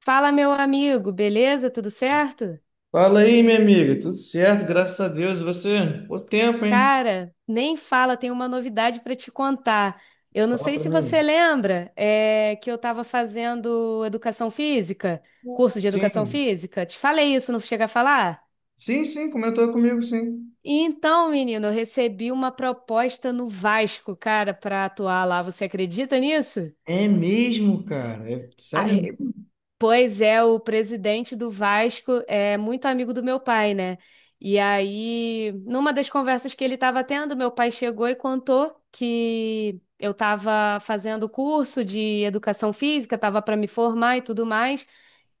Fala, meu amigo, beleza? Tudo certo? Fala aí, minha amiga. Tudo certo, graças a Deus. E você? O tempo, hein? Cara, nem fala, tem uma novidade para te contar. Eu não Fala sei pra se você mim. lembra, que eu estava fazendo educação física, curso de educação Sim. física. Te falei isso, não chega a falar? Sim, sim, comentou comigo, sim. Então, menino, eu recebi uma proposta no Vasco, cara, para atuar lá. Você acredita nisso? É mesmo, cara? É sério mesmo? Pois é, o presidente do Vasco é muito amigo do meu pai, né? E aí, numa das conversas que ele estava tendo, meu pai chegou e contou que eu estava fazendo curso de educação física, estava para me formar e tudo mais.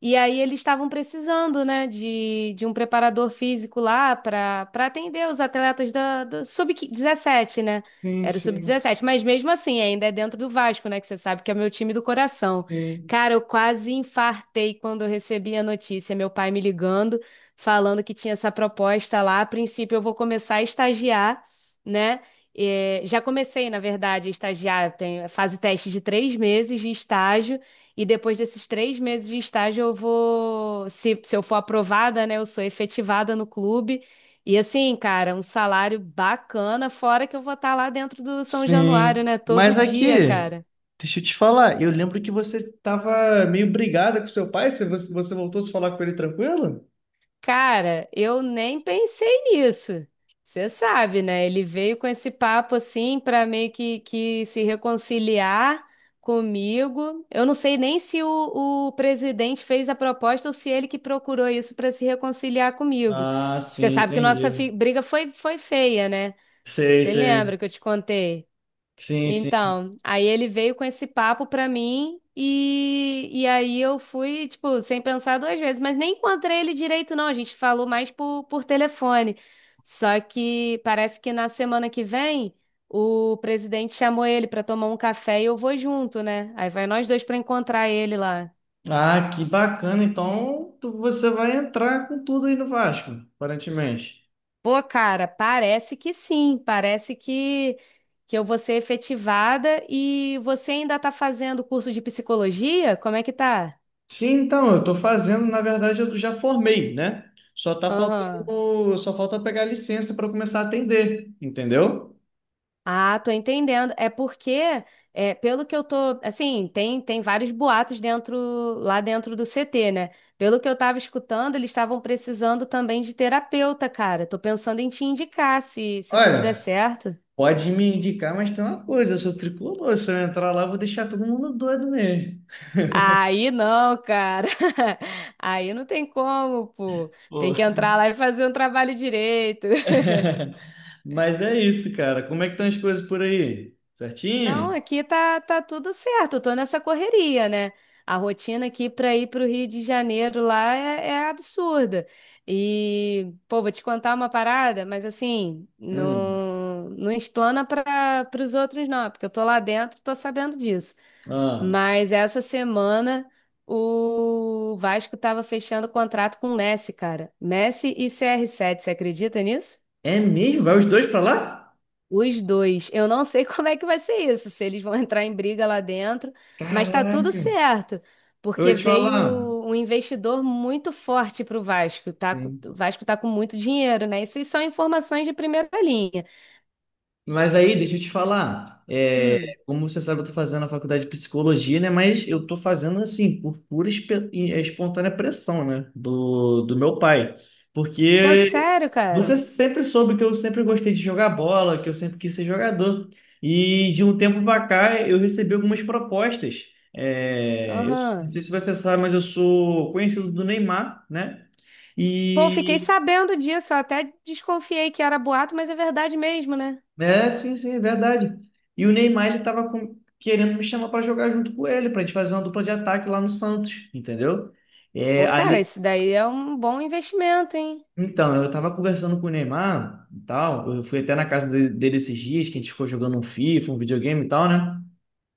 E aí eles estavam precisando, né, de um preparador físico lá para atender os atletas do sub-17, né? Sim, Era o sim, sub-17, mas mesmo assim ainda é dentro do Vasco, né? Que você sabe que é meu time do coração. sim, Cara, eu quase infartei quando eu recebi a notícia, meu pai me ligando, falando que tinha essa proposta lá. A princípio, eu vou começar a estagiar, né? É, já comecei, na verdade, a estagiar. Tem fase teste de três meses de estágio, e depois desses três meses de estágio, eu vou, se eu for aprovada, né? Eu sou efetivada no clube. E assim, cara, um salário bacana, fora que eu vou estar lá dentro do São Januário, sim. né? Todo Mas dia, aqui, cara. deixa eu te falar. Eu lembro que você tava meio brigada com seu pai. Você voltou a se falar com ele tranquilo? Cara, eu nem pensei nisso. Você sabe, né? Ele veio com esse papo assim para meio que se reconciliar comigo. Eu não sei nem se o presidente fez a proposta ou se ele que procurou isso para se reconciliar comigo. Ah, Você sim, sabe que nossa entendi. briga foi feia, né? Sei, Você lembra sei. que eu te contei? Sim, sim. Então, aí ele veio com esse papo pra mim e aí eu fui, tipo, sem pensar duas vezes, mas nem encontrei ele direito, não. A gente falou mais por telefone. Só que parece que na semana que vem o presidente chamou ele pra tomar um café e eu vou junto, né? Aí vai nós dois pra encontrar ele lá. Ah, que bacana. Então, você vai entrar com tudo aí no Vasco, aparentemente. Pô, cara, parece que sim, parece que eu vou ser efetivada e você ainda tá fazendo curso de psicologia? Como é que tá? Sim, então, eu estou fazendo, na verdade, eu já formei, né? Aham. Só falta pegar licença para começar a atender, entendeu? Ah, tô entendendo. É porque, é, pelo que eu tô, assim, tem vários boatos dentro, lá dentro do CT, né? Pelo que eu tava escutando, eles estavam precisando também de terapeuta, cara. Tô pensando em te indicar se tudo der Olha, certo. pode me indicar, mas tem uma coisa, eu sou tricolor, se eu entrar lá, eu vou deixar todo mundo doido mesmo. Aí não, cara. Aí não tem como, pô. Pô. Tem que entrar lá e fazer um trabalho direito. Mas é isso, cara. Como é que estão as coisas por aí? Não, Certinho? aqui tá, tá tudo certo. Eu tô nessa correria, né? A rotina aqui para ir para o Rio de Janeiro lá é absurda. E, pô, vou te contar uma parada, mas assim, Hum. não, não explana para os outros, não, porque eu tô lá dentro, tô sabendo disso. Ah. Mas essa semana o Vasco tava fechando contrato com o Messi, cara. Messi e CR7, você acredita nisso? É mesmo? Vai os dois para lá? Os dois. Eu não sei como é que vai ser isso, se eles vão entrar em briga lá dentro, mas tá tudo Caraca. certo, Eu vou porque te veio falar. um investidor muito forte pro Vasco, tá? Sim. O Vasco tá com muito dinheiro, né? Isso aí são informações de primeira linha. Mas aí, deixa eu te falar. Hum. Como você sabe, eu tô fazendo a faculdade de psicologia, né? Mas eu tô fazendo assim, por pura espontânea pressão, né? Do meu pai. Pô, Porque sério, você cara? sempre soube que eu sempre gostei de jogar bola, que eu sempre quis ser jogador. E de um tempo pra cá, eu recebi algumas propostas. É, eu não Aham. sei se você sabe, mas eu sou conhecido do Neymar, né? Pô, eu fiquei E sabendo disso, eu até desconfiei que era boato, mas é verdade mesmo, né? É, sim, sim, é verdade. E o Neymar, ele tava querendo me chamar para jogar junto com ele, para a gente fazer uma dupla de ataque lá no Santos, entendeu? É, Pô, cara, ali... isso daí é um bom investimento, hein? Então, eu tava conversando com o Neymar e tal, eu fui até na casa dele esses dias, que a gente ficou jogando um FIFA, um videogame e tal, né?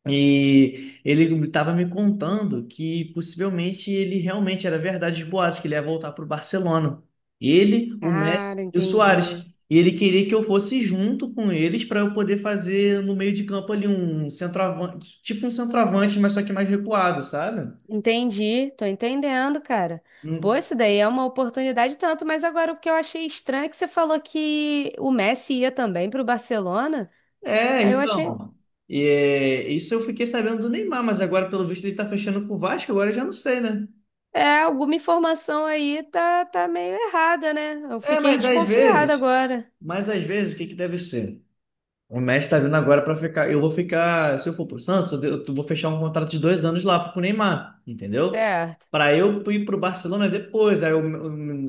E ele estava me contando que possivelmente ele realmente era verdade de boatos, que ele ia voltar para o Barcelona. Ele, o Messi Cara, e o Suárez. entendi. E ele queria que eu fosse junto com eles para eu poder fazer no meio de campo ali um centroavante, tipo um centroavante, mas só que mais recuado, sabe? Entendi, tô entendendo, cara. Pô, Hum. isso daí é uma oportunidade tanto, mas agora o que eu achei estranho é que você falou que o Messi ia também pro Barcelona. É, Aí eu achei, então. É, isso eu fiquei sabendo do Neymar, mas agora, pelo visto, ele está fechando com o Vasco, agora eu já não sei, né? é, alguma informação aí tá, tá meio errada, né? Eu É, fiquei desconfiada agora. mas às vezes, o que que deve ser? O Messi tá vindo agora pra ficar. Eu vou ficar. Se eu for pro Santos, eu vou fechar um contrato de dois anos lá pro Neymar, entendeu? Certo. Pra eu ir pro Barcelona depois. Aí o,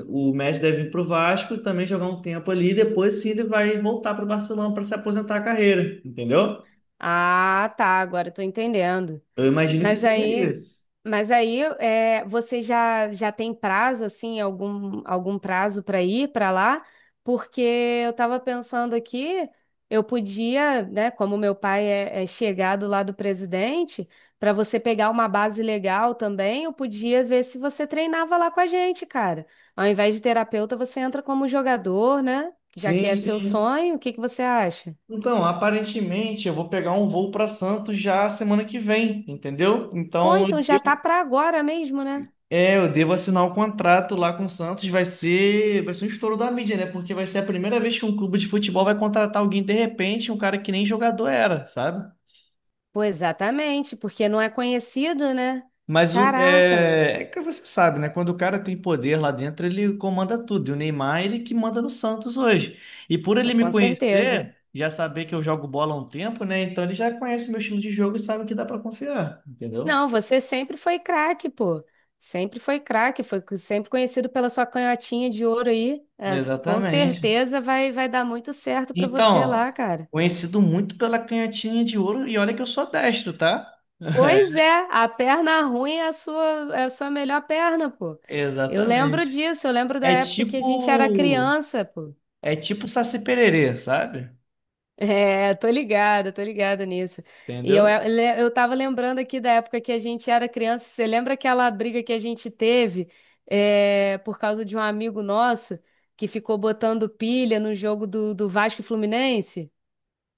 o, o Messi deve ir pro Vasco também jogar um tempo ali. Depois sim ele vai voltar pro Barcelona pra se aposentar a carreira, entendeu? Ah, tá, agora eu tô entendendo. Eu imagino que Mas seja aí, isso. mas aí é, você já, já tem prazo, assim, algum prazo para ir para lá? Porque eu estava pensando aqui, eu podia, né, como meu pai é chegado lá do presidente, para você pegar uma base legal também, eu podia ver se você treinava lá com a gente, cara. Ao invés de terapeuta, você entra como jogador, né? Já que Sim, é seu sim. sonho, o que que você acha? Então, aparentemente eu vou pegar um voo para Santos já semana que vem, entendeu? Pô, Então então eu já tá para agora mesmo, né? é, eu devo assinar o contrato lá com o Santos. Vai ser um estouro da mídia, né? Porque vai ser a primeira vez que um clube de futebol vai contratar alguém de repente, um cara que nem jogador era, sabe? Pô, exatamente, porque não é conhecido, né? Caraca, É que você sabe, né? Quando o cara tem poder lá dentro, ele comanda tudo. E o Neymar, ele que manda no Santos hoje. E por ele me com certeza. conhecer, já saber que eu jogo bola há um tempo, né? Então ele já conhece meu estilo de jogo e sabe que dá pra confiar, entendeu? Não, você sempre foi craque, pô. Sempre foi craque, sempre conhecido pela sua canhotinha de ouro aí. É, com Exatamente. certeza vai, vai dar muito certo pra você Então, lá, cara. conhecido muito pela canhotinha de ouro, e olha que eu sou destro, tá? Pois é, a perna ruim é a sua melhor perna, pô. Eu lembro Exatamente. disso, eu lembro da É época que a gente era tipo. criança, pô. É tipo Saci Pererê, sabe? É, tô ligada nisso. E eu, Entendeu? eu, eu tava lembrando aqui da época que a gente era criança. Você lembra aquela briga que a gente teve, é, por causa de um amigo nosso que ficou botando pilha no jogo do Vasco e Fluminense?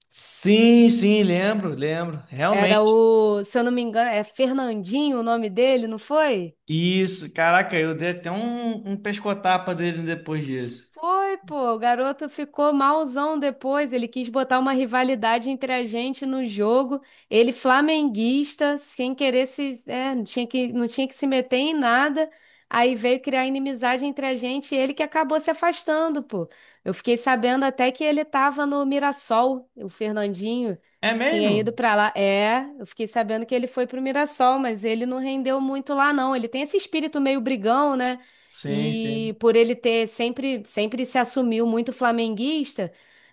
Sim, sim, lembro, lembro. Era Realmente. Se eu não me engano, é Fernandinho o nome dele, não foi? Isso, caraca, eu dei até um pescotapa dele depois disso. Foi, pô, o garoto ficou malzão depois. Ele quis botar uma rivalidade entre a gente no jogo. Ele flamenguista, sem querer se, é, não tinha não tinha que se meter em nada. Aí veio criar inimizade entre a gente e ele que acabou se afastando, pô. Eu fiquei sabendo até que ele tava no Mirassol, o Fernandinho É tinha mesmo? ido pra lá. É, eu fiquei sabendo que ele foi pro Mirassol, mas ele não rendeu muito lá, não. Ele tem esse espírito meio brigão, né? Sim, sim. E por ele ter sempre se assumiu muito flamenguista,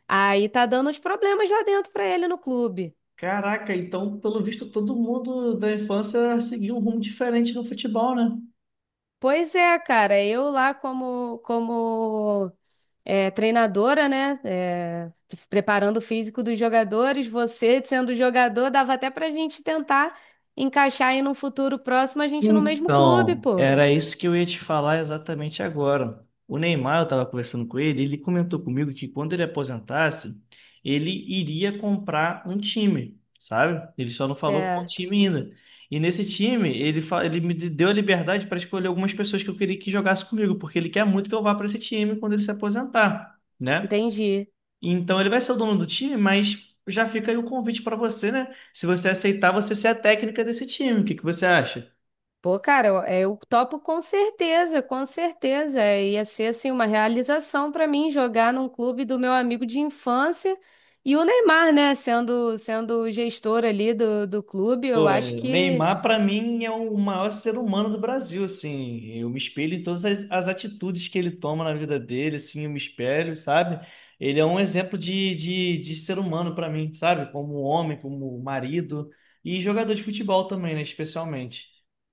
aí tá dando uns problemas lá dentro pra ele no clube. Caraca, então, pelo visto, todo mundo da infância seguiu um rumo diferente no futebol, né? Pois é, cara, eu lá como é, treinadora, né? é, preparando o físico dos jogadores, você sendo jogador, dava até pra gente tentar encaixar aí num futuro próximo a gente no mesmo clube, Então, pô. era isso que eu ia te falar exatamente agora. O Neymar, eu estava conversando com ele, ele comentou comigo que quando ele aposentasse, ele iria comprar um time, sabe? Ele só não falou qual Certo, time ainda. E nesse time, ele, ele me deu a liberdade para escolher algumas pessoas que eu queria que jogasse comigo, porque ele quer muito que eu vá para esse time quando ele se aposentar, né? entendi. Então, ele vai ser o dono do time, mas já fica aí o convite para você, né? Se você aceitar, você ser a técnica desse time. O que que você acha? Pô, cara, eu, é, eu topo com certeza, com certeza. É, ia ser assim uma realização pra mim jogar num clube do meu amigo de infância e o Neymar, né, sendo o gestor ali do clube, Pô, eu acho que Neymar, para mim, é o maior ser humano do Brasil, assim. Eu me espelho em todas as atitudes que ele toma na vida dele, assim, eu me espelho, sabe? Ele é um exemplo de ser humano para mim, sabe? Como homem, como marido e jogador de futebol também, né? Especialmente.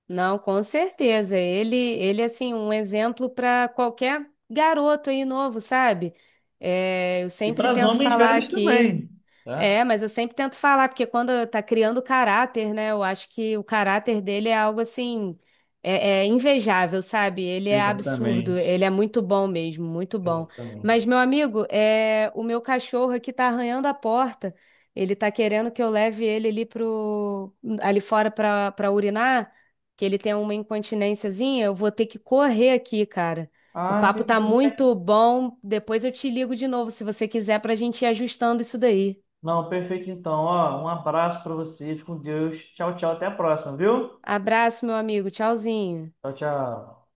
não, com certeza. Ele ele assim um exemplo pra qualquer garoto aí novo, sabe? É, eu E sempre para os tento homens falar velhos aqui. também, tá? É, mas eu sempre tento falar, porque quando tá criando caráter, né? Eu acho que o caráter dele é algo assim, é invejável, sabe? Ele é absurdo, ele é Exatamente. muito bom mesmo, muito bom. Mas, Exatamente. meu amigo, é, o meu cachorro aqui tá arranhando a porta, ele tá querendo que eu leve ele ali pro, ali fora pra urinar, que ele tem uma incontinênciazinha, eu vou ter que correr aqui, cara. O Ah, papo sim, tá tudo bem. muito bom, depois eu te ligo de novo, se você quiser, pra gente ir ajustando isso daí. Não, perfeito então. Ó, um abraço pra vocês, com Deus. Tchau, tchau, até a próxima, viu? Abraço, meu amigo. Tchauzinho. Tchau, tchau.